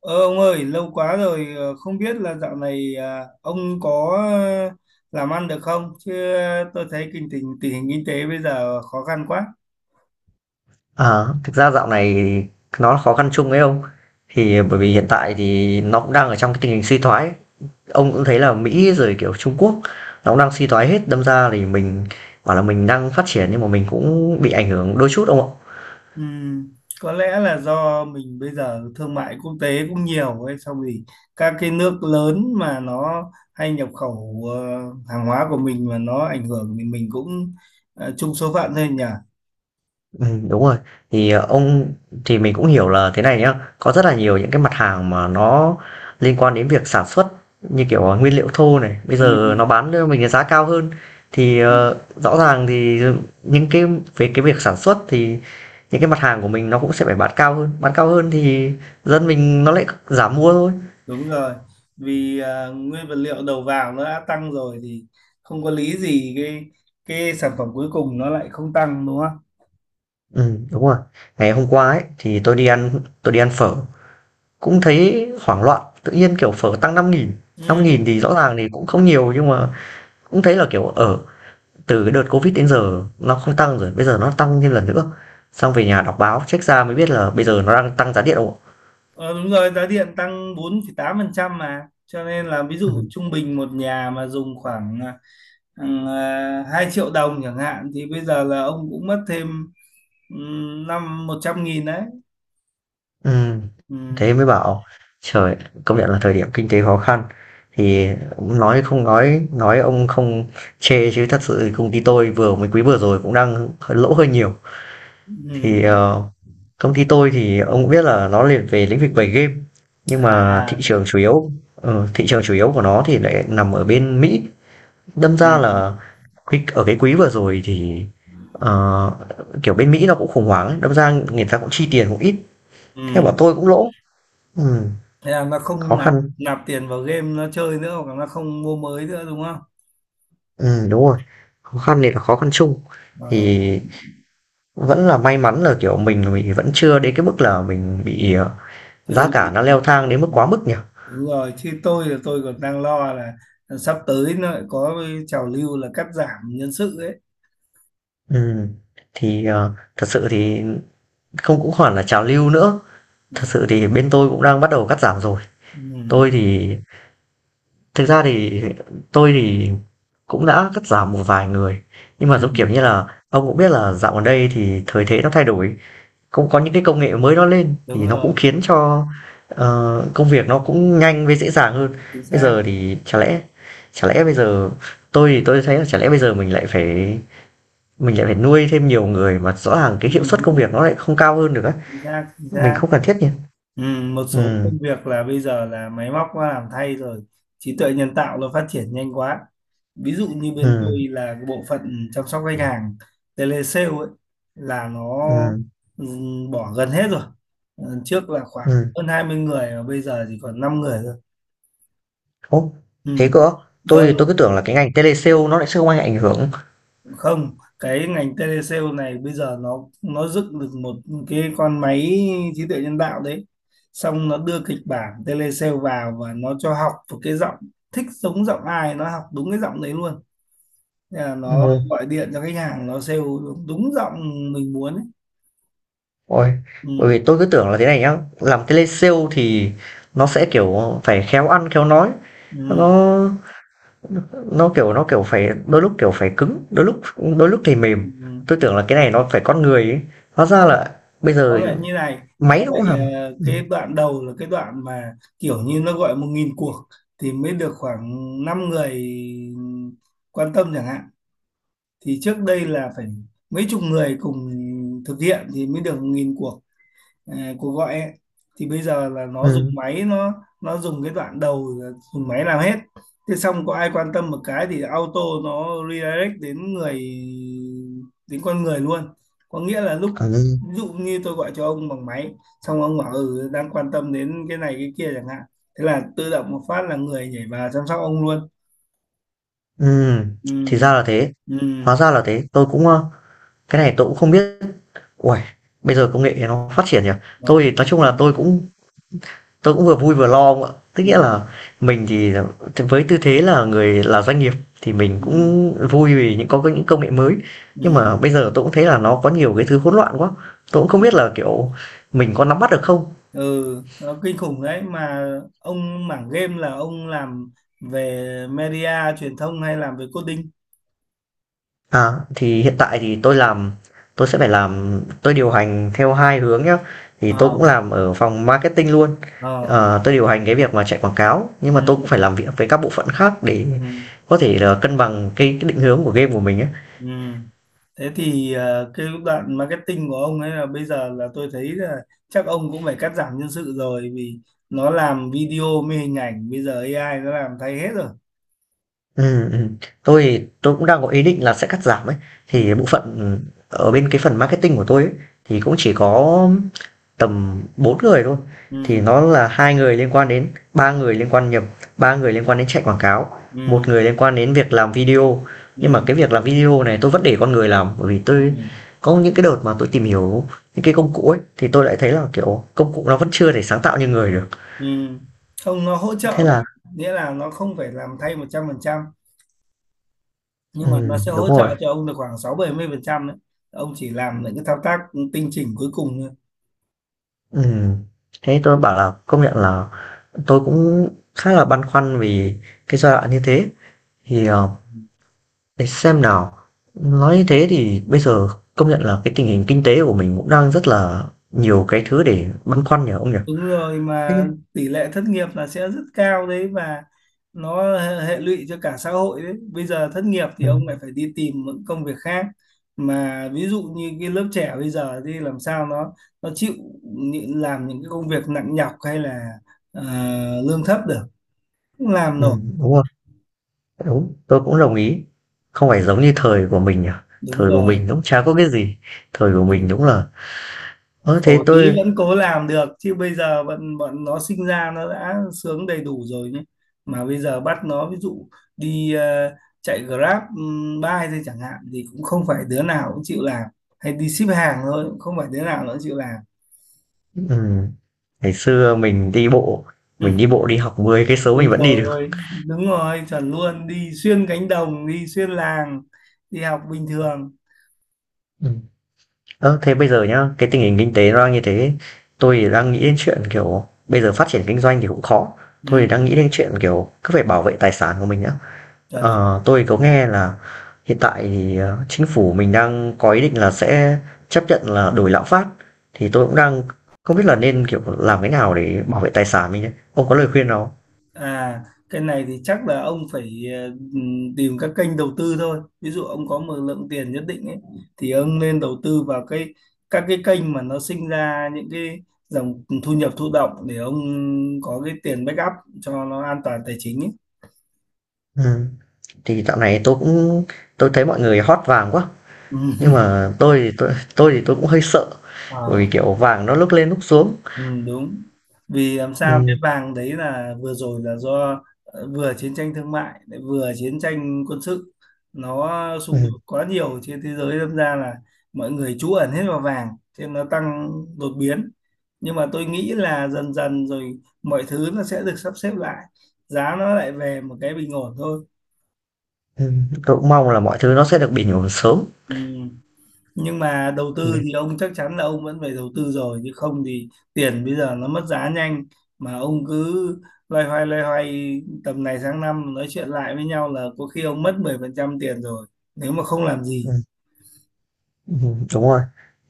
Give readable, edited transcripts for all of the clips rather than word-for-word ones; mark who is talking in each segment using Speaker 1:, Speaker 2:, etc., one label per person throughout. Speaker 1: Ờ, ông ơi, lâu quá rồi, không biết là dạo này ông có làm ăn được không? Chứ tôi thấy kinh tình tình hình kinh tế bây giờ khó khăn quá.
Speaker 2: À, thực ra dạo này nó là khó khăn chung ấy ông. Thì bởi vì hiện tại thì nó cũng đang ở trong cái tình hình suy thoái. Ông cũng thấy là Mỹ rồi kiểu Trung Quốc nó cũng đang suy thoái hết, đâm ra thì mình bảo là mình đang phát triển nhưng mà mình cũng bị ảnh hưởng đôi chút ông ạ.
Speaker 1: Ừm, có lẽ là do mình bây giờ thương mại quốc tế cũng nhiều ấy, xong thì các cái nước lớn mà nó hay nhập khẩu hàng hóa của mình mà nó ảnh hưởng thì mình cũng chung số phận thôi nhỉ.
Speaker 2: Đúng rồi. Thì, ông thì mình cũng hiểu là thế này nhá, có rất là nhiều những cái mặt hàng mà nó liên quan đến việc sản xuất như kiểu, nguyên liệu thô này, bây giờ nó bán cho mình cái giá cao hơn. Thì,
Speaker 1: Ừm.
Speaker 2: rõ ràng thì những cái về cái việc sản xuất thì những cái mặt hàng của mình nó cũng sẽ phải bán cao hơn thì dân mình nó lại giảm mua thôi.
Speaker 1: Đúng rồi, vì nguyên vật liệu đầu vào nó đã tăng rồi thì không có lý gì cái sản phẩm cuối cùng nó lại không tăng đúng không?
Speaker 2: Đúng rồi. Ngày hôm qua ấy, thì tôi đi ăn phở, cũng thấy hoảng loạn, tự nhiên, kiểu, phở tăng 5.000. 5.000
Speaker 1: Ừ.
Speaker 2: thì rõ ràng thì cũng không nhiều nhưng mà cũng thấy là kiểu ở từ cái đợt covid đến giờ nó không tăng, rồi bây giờ nó tăng thêm lần nữa. Xong về nhà đọc báo check ra mới biết là bây giờ nó đang tăng giá điện không.
Speaker 1: ờ, Đúng rồi, giá điện tăng 4,8% mà. Cho nên là ví dụ
Speaker 2: Ừ.
Speaker 1: trung bình một nhà mà dùng khoảng 2 triệu đồng chẳng hạn thì bây giờ là ông cũng mất thêm năm 100.000 đấy.
Speaker 2: Ừ.
Speaker 1: Ừ.
Speaker 2: Thế mới bảo, trời, công nhận là thời điểm kinh tế khó khăn thì nói không nói ông không chê, chứ thật sự công ty tôi vừa mới quý vừa rồi cũng đang lỗ hơi nhiều. Thì
Speaker 1: Ừ.
Speaker 2: công ty tôi thì ông cũng biết là nó liền về lĩnh vực về game, nhưng mà
Speaker 1: À.
Speaker 2: thị trường chủ yếu của nó thì lại nằm ở bên Mỹ. Đâm
Speaker 1: Ừ.
Speaker 2: ra là cái ở cái quý vừa rồi thì ờ, kiểu bên Mỹ nó cũng khủng hoảng ấy, đâm ra người ta cũng chi tiền cũng ít, theo
Speaker 1: Ừ.
Speaker 2: bọn tôi cũng lỗ. Ừ,
Speaker 1: Thế là nó không
Speaker 2: khó
Speaker 1: nạp
Speaker 2: khăn.
Speaker 1: nạp tiền vào game nó chơi nữa hoặc là nó không mua mới nữa đúng không?
Speaker 2: Ừ, đúng rồi, khó khăn này là khó khăn chung.
Speaker 1: Ờ,
Speaker 2: Thì vẫn là may mắn là kiểu mình vẫn chưa đến cái mức là mình bị, giá
Speaker 1: chưa
Speaker 2: cả
Speaker 1: bị.
Speaker 2: nó leo thang đến mức quá mức nhỉ.
Speaker 1: Đúng rồi, chứ tôi là tôi còn đang lo là sắp tới nó lại có cái trào lưu là cắt giảm nhân sự ấy.
Speaker 2: Ừ. Thì thật sự thì không cũng hẳn là trào lưu nữa,
Speaker 1: Ừ.
Speaker 2: thật sự thì bên tôi cũng đang bắt đầu cắt giảm rồi.
Speaker 1: Ừ.
Speaker 2: Tôi thì Thực ra thì tôi thì cũng đã cắt giảm một vài người, nhưng mà
Speaker 1: Ừ.
Speaker 2: giống kiểu như là ông cũng biết là dạo gần đây thì thời thế nó thay đổi, cũng có những cái công nghệ mới nó lên
Speaker 1: Đúng
Speaker 2: thì nó cũng
Speaker 1: rồi,
Speaker 2: khiến cho, công việc nó cũng nhanh với dễ dàng hơn.
Speaker 1: chính
Speaker 2: Bây
Speaker 1: xác.
Speaker 2: giờ thì chả lẽ bây giờ tôi thấy là chả lẽ bây giờ mình lại phải nuôi thêm nhiều người mà rõ ràng
Speaker 1: Ừ.
Speaker 2: cái hiệu
Speaker 1: Ừ,
Speaker 2: suất công
Speaker 1: ừ.
Speaker 2: việc nó lại không cao hơn được á,
Speaker 1: Chính xác, chính
Speaker 2: mình
Speaker 1: xác.
Speaker 2: không cần thiết nhỉ?
Speaker 1: Ừ, một
Speaker 2: Ừ.
Speaker 1: số công việc là bây giờ là máy móc nó làm thay rồi, trí tuệ nhân tạo nó phát triển nhanh quá. Ví dụ như bên
Speaker 2: Ừ.
Speaker 1: tôi là cái bộ phận chăm sóc khách hàng telesale ấy là nó
Speaker 2: Ừ.
Speaker 1: ừ, bỏ gần hết rồi. Ừ, trước là khoảng
Speaker 2: Ừ.
Speaker 1: hơn 20 người và bây giờ chỉ còn 5 người thôi.
Speaker 2: Ồ,
Speaker 1: Ừ.
Speaker 2: thế cơ. Tôi cứ
Speaker 1: Ừ,
Speaker 2: tưởng là cái ngành telesale nó lại sẽ không ảnh hưởng.
Speaker 1: không, cái ngành telesale này bây giờ nó dựng được một cái con máy trí tuệ nhân tạo đấy, xong nó đưa kịch bản telesale vào và nó cho học một cái giọng, thích giống giọng ai nó học đúng cái giọng đấy luôn. Thế là nó
Speaker 2: Ồ.
Speaker 1: gọi điện cho khách hàng, nó sale đúng, đúng giọng mình muốn ấy.
Speaker 2: Ôi, bởi
Speaker 1: Ừ,
Speaker 2: vì tôi cứ tưởng là thế này nhá, làm telesale thì nó sẽ kiểu phải khéo ăn khéo nói, nó
Speaker 1: ừ,
Speaker 2: nó kiểu phải đôi lúc kiểu phải cứng, đôi lúc thì mềm.
Speaker 1: ừ.
Speaker 2: Tôi tưởng là cái này nó phải con người ấy. Hóa ra
Speaker 1: Không,
Speaker 2: là bây
Speaker 1: nó
Speaker 2: giờ
Speaker 1: lại như này, nó
Speaker 2: máy nó cũng
Speaker 1: lại
Speaker 2: làm. Ừ.
Speaker 1: cái đoạn đầu là cái đoạn mà kiểu như nó gọi 1.000 cuộc thì mới được khoảng 5 người quan tâm chẳng hạn, thì trước đây là phải mấy chục người cùng thực hiện thì mới được nghìn cuộc, cuộc gọi ấy. Thì bây giờ là nó dùng
Speaker 2: Ừ.
Speaker 1: máy, nó dùng cái đoạn đầu là dùng máy làm hết, thế xong có ai quan tâm một cái thì auto nó redirect đến người, đến con người luôn. Có nghĩa là lúc
Speaker 2: Ừ.
Speaker 1: ví dụ như tôi gọi cho ông bằng máy, xong ông bảo ừ đang quan tâm đến cái này cái kia chẳng hạn, thế là tự động một phát là người nhảy vào chăm sóc ông luôn.
Speaker 2: Ừ,
Speaker 1: Ừ,
Speaker 2: thì ra là thế.
Speaker 1: ừ,
Speaker 2: Hóa ra là thế. Tôi cũng cái này tôi cũng không biết. Ui, bây giờ công nghệ nó phát triển nhỉ.
Speaker 1: nó
Speaker 2: Tôi thì nói
Speaker 1: cũng
Speaker 2: chung là
Speaker 1: khủng.
Speaker 2: tôi cũng vừa vui vừa lo ông ạ, tức
Speaker 1: Ừ.
Speaker 2: nghĩa là mình thì với tư thế là người là doanh nghiệp thì mình
Speaker 1: Ừ,
Speaker 2: cũng vui vì những có những công nghệ mới, nhưng
Speaker 1: ừ,
Speaker 2: mà bây giờ tôi cũng thấy là nó có nhiều cái thứ hỗn loạn quá, tôi cũng không
Speaker 1: ừ,
Speaker 2: biết là kiểu mình có nắm bắt được không.
Speaker 1: ừ, nó kinh khủng đấy mà. Ông mảng game là ông làm về media truyền thông hay làm về coding?
Speaker 2: À, thì hiện tại thì tôi làm tôi sẽ phải làm tôi điều hành theo hai hướng nhá. Thì
Speaker 1: ờ
Speaker 2: tôi cũng làm ở phòng marketing luôn.
Speaker 1: ờ
Speaker 2: Ờ, tôi điều hành cái việc mà chạy quảng cáo, nhưng
Speaker 1: ừ,
Speaker 2: mà tôi cũng phải làm việc với các bộ phận khác để
Speaker 1: ừ,
Speaker 2: có thể là cân bằng cái định hướng của game của mình ấy.
Speaker 1: ừ. Thế thì cái đoạn marketing của ông ấy là bây giờ là tôi thấy là chắc ông cũng phải cắt giảm nhân sự rồi, vì nó làm video, mê hình ảnh bây giờ AI nó làm thay hết rồi.
Speaker 2: Ừm, ừm. Tôi thì tôi cũng đang có ý định là sẽ cắt giảm ấy.
Speaker 1: Ừ,
Speaker 2: Thì bộ phận ở bên cái phần marketing của tôi ấy, thì cũng chỉ có tầm 4 người thôi. Thì
Speaker 1: ừ,
Speaker 2: nó là hai người liên quan đến ba người liên quan nhập ba người liên quan đến chạy quảng cáo, một
Speaker 1: ừ,
Speaker 2: người liên quan đến việc làm video. Nhưng mà
Speaker 1: ừ.
Speaker 2: cái việc làm video này tôi vẫn để con người làm, bởi vì
Speaker 1: Ừ.
Speaker 2: tôi có những cái đợt mà tôi tìm hiểu những cái công cụ ấy thì tôi lại thấy là kiểu công cụ nó vẫn chưa thể sáng tạo như người được.
Speaker 1: Ừ. Không, nó hỗ trợ
Speaker 2: Thế
Speaker 1: bạn,
Speaker 2: là
Speaker 1: nghĩa là nó không phải làm thay 100%, nhưng mà nó
Speaker 2: ừ,
Speaker 1: sẽ
Speaker 2: đúng
Speaker 1: hỗ
Speaker 2: rồi.
Speaker 1: trợ cho ông được khoảng 60-70% đấy. Ông chỉ làm những cái thao tác tinh chỉnh cuối cùng thôi.
Speaker 2: Ừ. Thế tôi bảo là công nhận là tôi cũng khá là băn khoăn vì cái giai đoạn như thế thì để xem nào. Nói như thế thì bây giờ công nhận là cái tình hình kinh tế của mình cũng đang rất là nhiều cái thứ để băn khoăn nhỉ ông nhỉ?
Speaker 1: Đúng rồi
Speaker 2: Thế
Speaker 1: mà, tỷ lệ thất nghiệp là sẽ rất cao đấy và nó hệ hệ lụy cho cả xã hội đấy. Bây giờ thất nghiệp thì
Speaker 2: ừm,
Speaker 1: ông lại phải đi tìm những công việc khác. Mà ví dụ như cái lớp trẻ bây giờ thì làm sao nó chịu làm những cái công việc nặng nhọc hay là ờ, lương thấp được, không làm nổi.
Speaker 2: đúng rồi, đúng, tôi cũng đồng ý. Không phải giống như thời của mình nhỉ?
Speaker 1: Đúng
Speaker 2: Thời của
Speaker 1: rồi.
Speaker 2: mình cũng chả có cái gì. Thời của mình đúng là. Ơ thế
Speaker 1: Khổ tí
Speaker 2: tôi
Speaker 1: vẫn cố làm được, chứ bây giờ bọn bọn nó sinh ra nó đã sướng đầy đủ rồi nhé. Mà bây giờ bắt nó ví dụ đi chạy Grab bike thôi chẳng hạn thì cũng không phải đứa nào cũng chịu làm, hay đi ship hàng thôi cũng không phải đứa nào nó chịu làm
Speaker 2: ừm, Ngày xưa
Speaker 1: Ừ.
Speaker 2: mình đi bộ đi học 10 cây số
Speaker 1: Ôi
Speaker 2: mình vẫn đi
Speaker 1: rồi,
Speaker 2: được.
Speaker 1: ôi đúng rồi, chuẩn luôn, đi xuyên cánh đồng, đi xuyên làng, đi học bình thường.
Speaker 2: Ừm. Ơ, thế bây giờ nhá, cái tình hình kinh tế nó đang như thế, tôi thì đang nghĩ đến chuyện, kiểu, bây giờ phát triển kinh doanh thì cũng khó. Tôi thì đang
Speaker 1: Ừ,
Speaker 2: nghĩ đến chuyện, kiểu, cứ phải bảo vệ tài sản của mình nhá.
Speaker 1: chuẩn chuẩn.
Speaker 2: Ờ, tôi có nghe là hiện tại thì, chính phủ mình đang có ý định là sẽ chấp nhận là đổi lạm phát, thì tôi cũng đang không biết là nên, kiểu, làm cái nào để bảo vệ tài sản mình đây. Ông có
Speaker 1: Ừ.
Speaker 2: lời khuyên nào
Speaker 1: À, cái này thì chắc là ông phải tìm các kênh đầu tư thôi. Ví dụ ông có một lượng tiền nhất định ấy, thì ông nên đầu tư vào cái, các cái kênh mà nó sinh ra những cái dòng thu nhập thụ động để ông có cái tiền backup cho nó an toàn tài chính ấy.
Speaker 2: không? Thì dạo này tôi cũng, tôi thấy mọi người hót vàng quá,
Speaker 1: Ừ.
Speaker 2: nhưng mà tôi cũng hơi sợ, bởi vì,
Speaker 1: À.
Speaker 2: kiểu, vàng nó lúc lên lúc xuống.
Speaker 1: Ừ, đúng. Vì làm sao cái
Speaker 2: Ừm,
Speaker 1: vàng đấy là vừa rồi là do vừa chiến tranh thương mại lại vừa chiến tranh quân sự, nó xung đột
Speaker 2: ừm,
Speaker 1: quá nhiều trên thế giới, đâm ra là mọi người trú ẩn hết vào vàng, cho nên nó tăng đột biến. Nhưng mà tôi nghĩ là dần dần rồi mọi thứ nó sẽ được sắp xếp lại, giá nó lại về một cái bình ổn thôi.
Speaker 2: tôi cũng mong là mọi thứ nó sẽ được bình ổn sớm.
Speaker 1: Ừ. Nhưng mà đầu
Speaker 2: Ừm.
Speaker 1: tư thì ông chắc chắn là ông vẫn phải đầu tư rồi, chứ không thì tiền bây giờ nó mất giá nhanh, mà ông cứ loay hoay tầm này sang năm nói chuyện lại với nhau là có khi ông mất 10% tiền rồi, nếu mà không làm gì.
Speaker 2: Ừm, đúng rồi,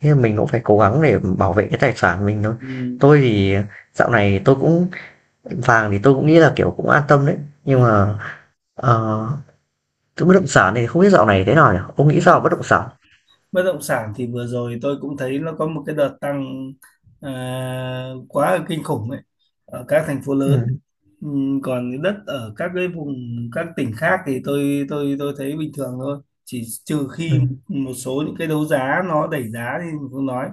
Speaker 2: thế mình cũng phải cố gắng để bảo vệ cái tài sản mình thôi.
Speaker 1: Ừ.
Speaker 2: Tôi thì dạo này tôi cũng vàng thì tôi cũng nghĩ là, kiểu, cũng an tâm đấy, nhưng mà, ờ, thứ bất động sản này không biết dạo này thế nào nhỉ? Ông nghĩ sao
Speaker 1: Ừ.
Speaker 2: về bất động sản?
Speaker 1: Bất động sản thì vừa rồi tôi cũng thấy nó có một cái đợt tăng à, quá là kinh khủng ấy ở các thành phố lớn.
Speaker 2: Ừm,
Speaker 1: Còn cái đất ở các cái vùng, các tỉnh khác thì tôi thấy bình thường thôi, chỉ trừ khi
Speaker 2: ừm,
Speaker 1: một số những cái đấu giá nó đẩy giá thì mình không nói.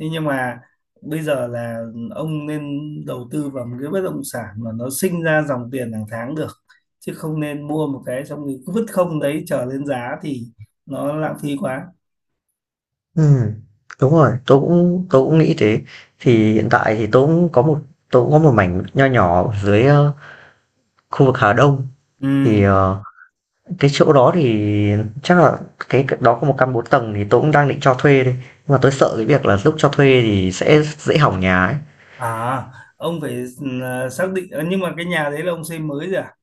Speaker 1: Thế nhưng mà bây giờ là ông nên đầu tư vào một cái bất động sản mà nó sinh ra dòng tiền hàng tháng được, chứ không nên mua một cái xong rồi cứ vứt không đấy chờ lên giá thì nó lãng phí quá.
Speaker 2: ừm, đúng rồi, tôi cũng nghĩ thế.
Speaker 1: Ừ.
Speaker 2: Thì hiện tại thì tôi cũng có một mảnh nho nhỏ ở dưới, khu vực Hà Đông,
Speaker 1: Ừ.
Speaker 2: thì, cái chỗ đó thì chắc là cái đó có một căn 4 tầng thì tôi cũng đang định cho thuê đây. Nhưng mà tôi sợ cái việc là lúc cho thuê thì sẽ dễ hỏng nhà ấy.
Speaker 1: À, ông phải xác định nhưng mà cái nhà đấy là ông xây mới rồi à?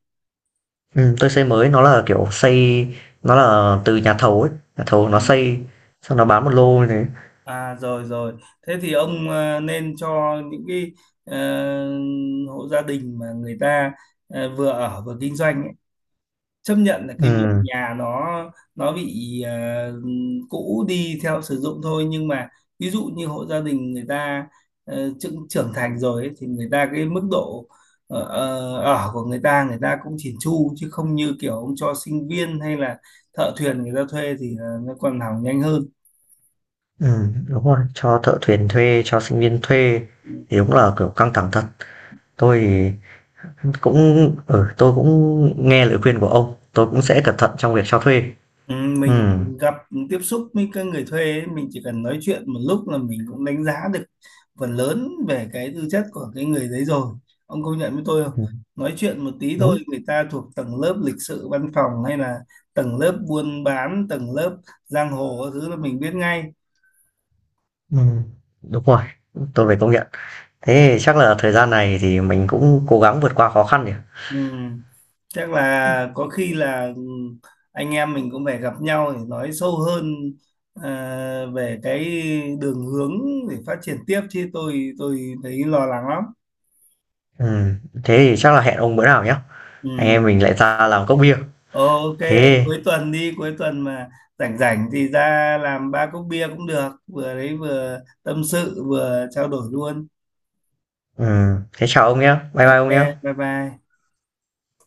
Speaker 2: Tôi xây mới nó là, kiểu, xây nó là từ nhà thầu ấy, nhà thầu
Speaker 1: Ừ.
Speaker 2: nó xây, xong nó bán một lô như thế.
Speaker 1: À rồi rồi. Thế thì ông nên cho những cái ờ, hộ gia đình mà người ta vừa ở vừa kinh doanh ấy, chấp nhận là cái việc
Speaker 2: Ừm,
Speaker 1: nhà nó bị cũ đi theo sử dụng thôi, nhưng mà ví dụ như hộ gia đình người ta trưởng trưởng thành rồi ấy, thì người ta cái mức độ ở của người ta, người ta cũng chỉn chu, chứ không như kiểu ông cho sinh viên hay là thợ thuyền người ta thuê thì nó còn hỏng nhanh hơn.
Speaker 2: đúng rồi, cho thợ thuyền thuê, cho sinh viên thuê thì đúng là, kiểu, căng thẳng thật. Tôi thì cũng ừ, tôi cũng nghe lời khuyên của ông, tôi cũng sẽ cẩn thận trong việc cho thuê.
Speaker 1: Ừ, mình
Speaker 2: Ừm,
Speaker 1: gặp, tiếp xúc với các người thuê ấy, mình chỉ cần nói chuyện một lúc là mình cũng đánh giá được phần lớn về cái tư chất của cái người đấy rồi, ông công nhận với tôi không?
Speaker 2: ừm,
Speaker 1: Nói chuyện một tí thôi,
Speaker 2: đúng.
Speaker 1: người ta thuộc tầng lớp lịch sự văn phòng hay là tầng lớp buôn bán, tầng lớp giang hồ các thứ là mình biết ngay.
Speaker 2: Ừm, đúng rồi, tôi phải công nhận. Thế thì chắc là thời gian này thì mình cũng cố gắng vượt qua khó khăn nhỉ?
Speaker 1: Ừ. Chắc là có khi là anh em mình cũng phải gặp nhau để nói sâu hơn về cái đường hướng để phát triển tiếp, chứ tôi thấy lo lắng lắm.
Speaker 2: Ừm, thế thì chắc là hẹn ông bữa nào nhá,
Speaker 1: Ừ.
Speaker 2: anh em mình lại ra làm cốc bia.
Speaker 1: Ok,
Speaker 2: Thế
Speaker 1: cuối tuần đi, cuối tuần mà rảnh rảnh thì ra làm ba cốc bia cũng được, vừa đấy vừa tâm sự vừa trao đổi luôn.
Speaker 2: Thế chào ông nhá, bye bye
Speaker 1: Ok,
Speaker 2: ông nhá.
Speaker 1: bye bye.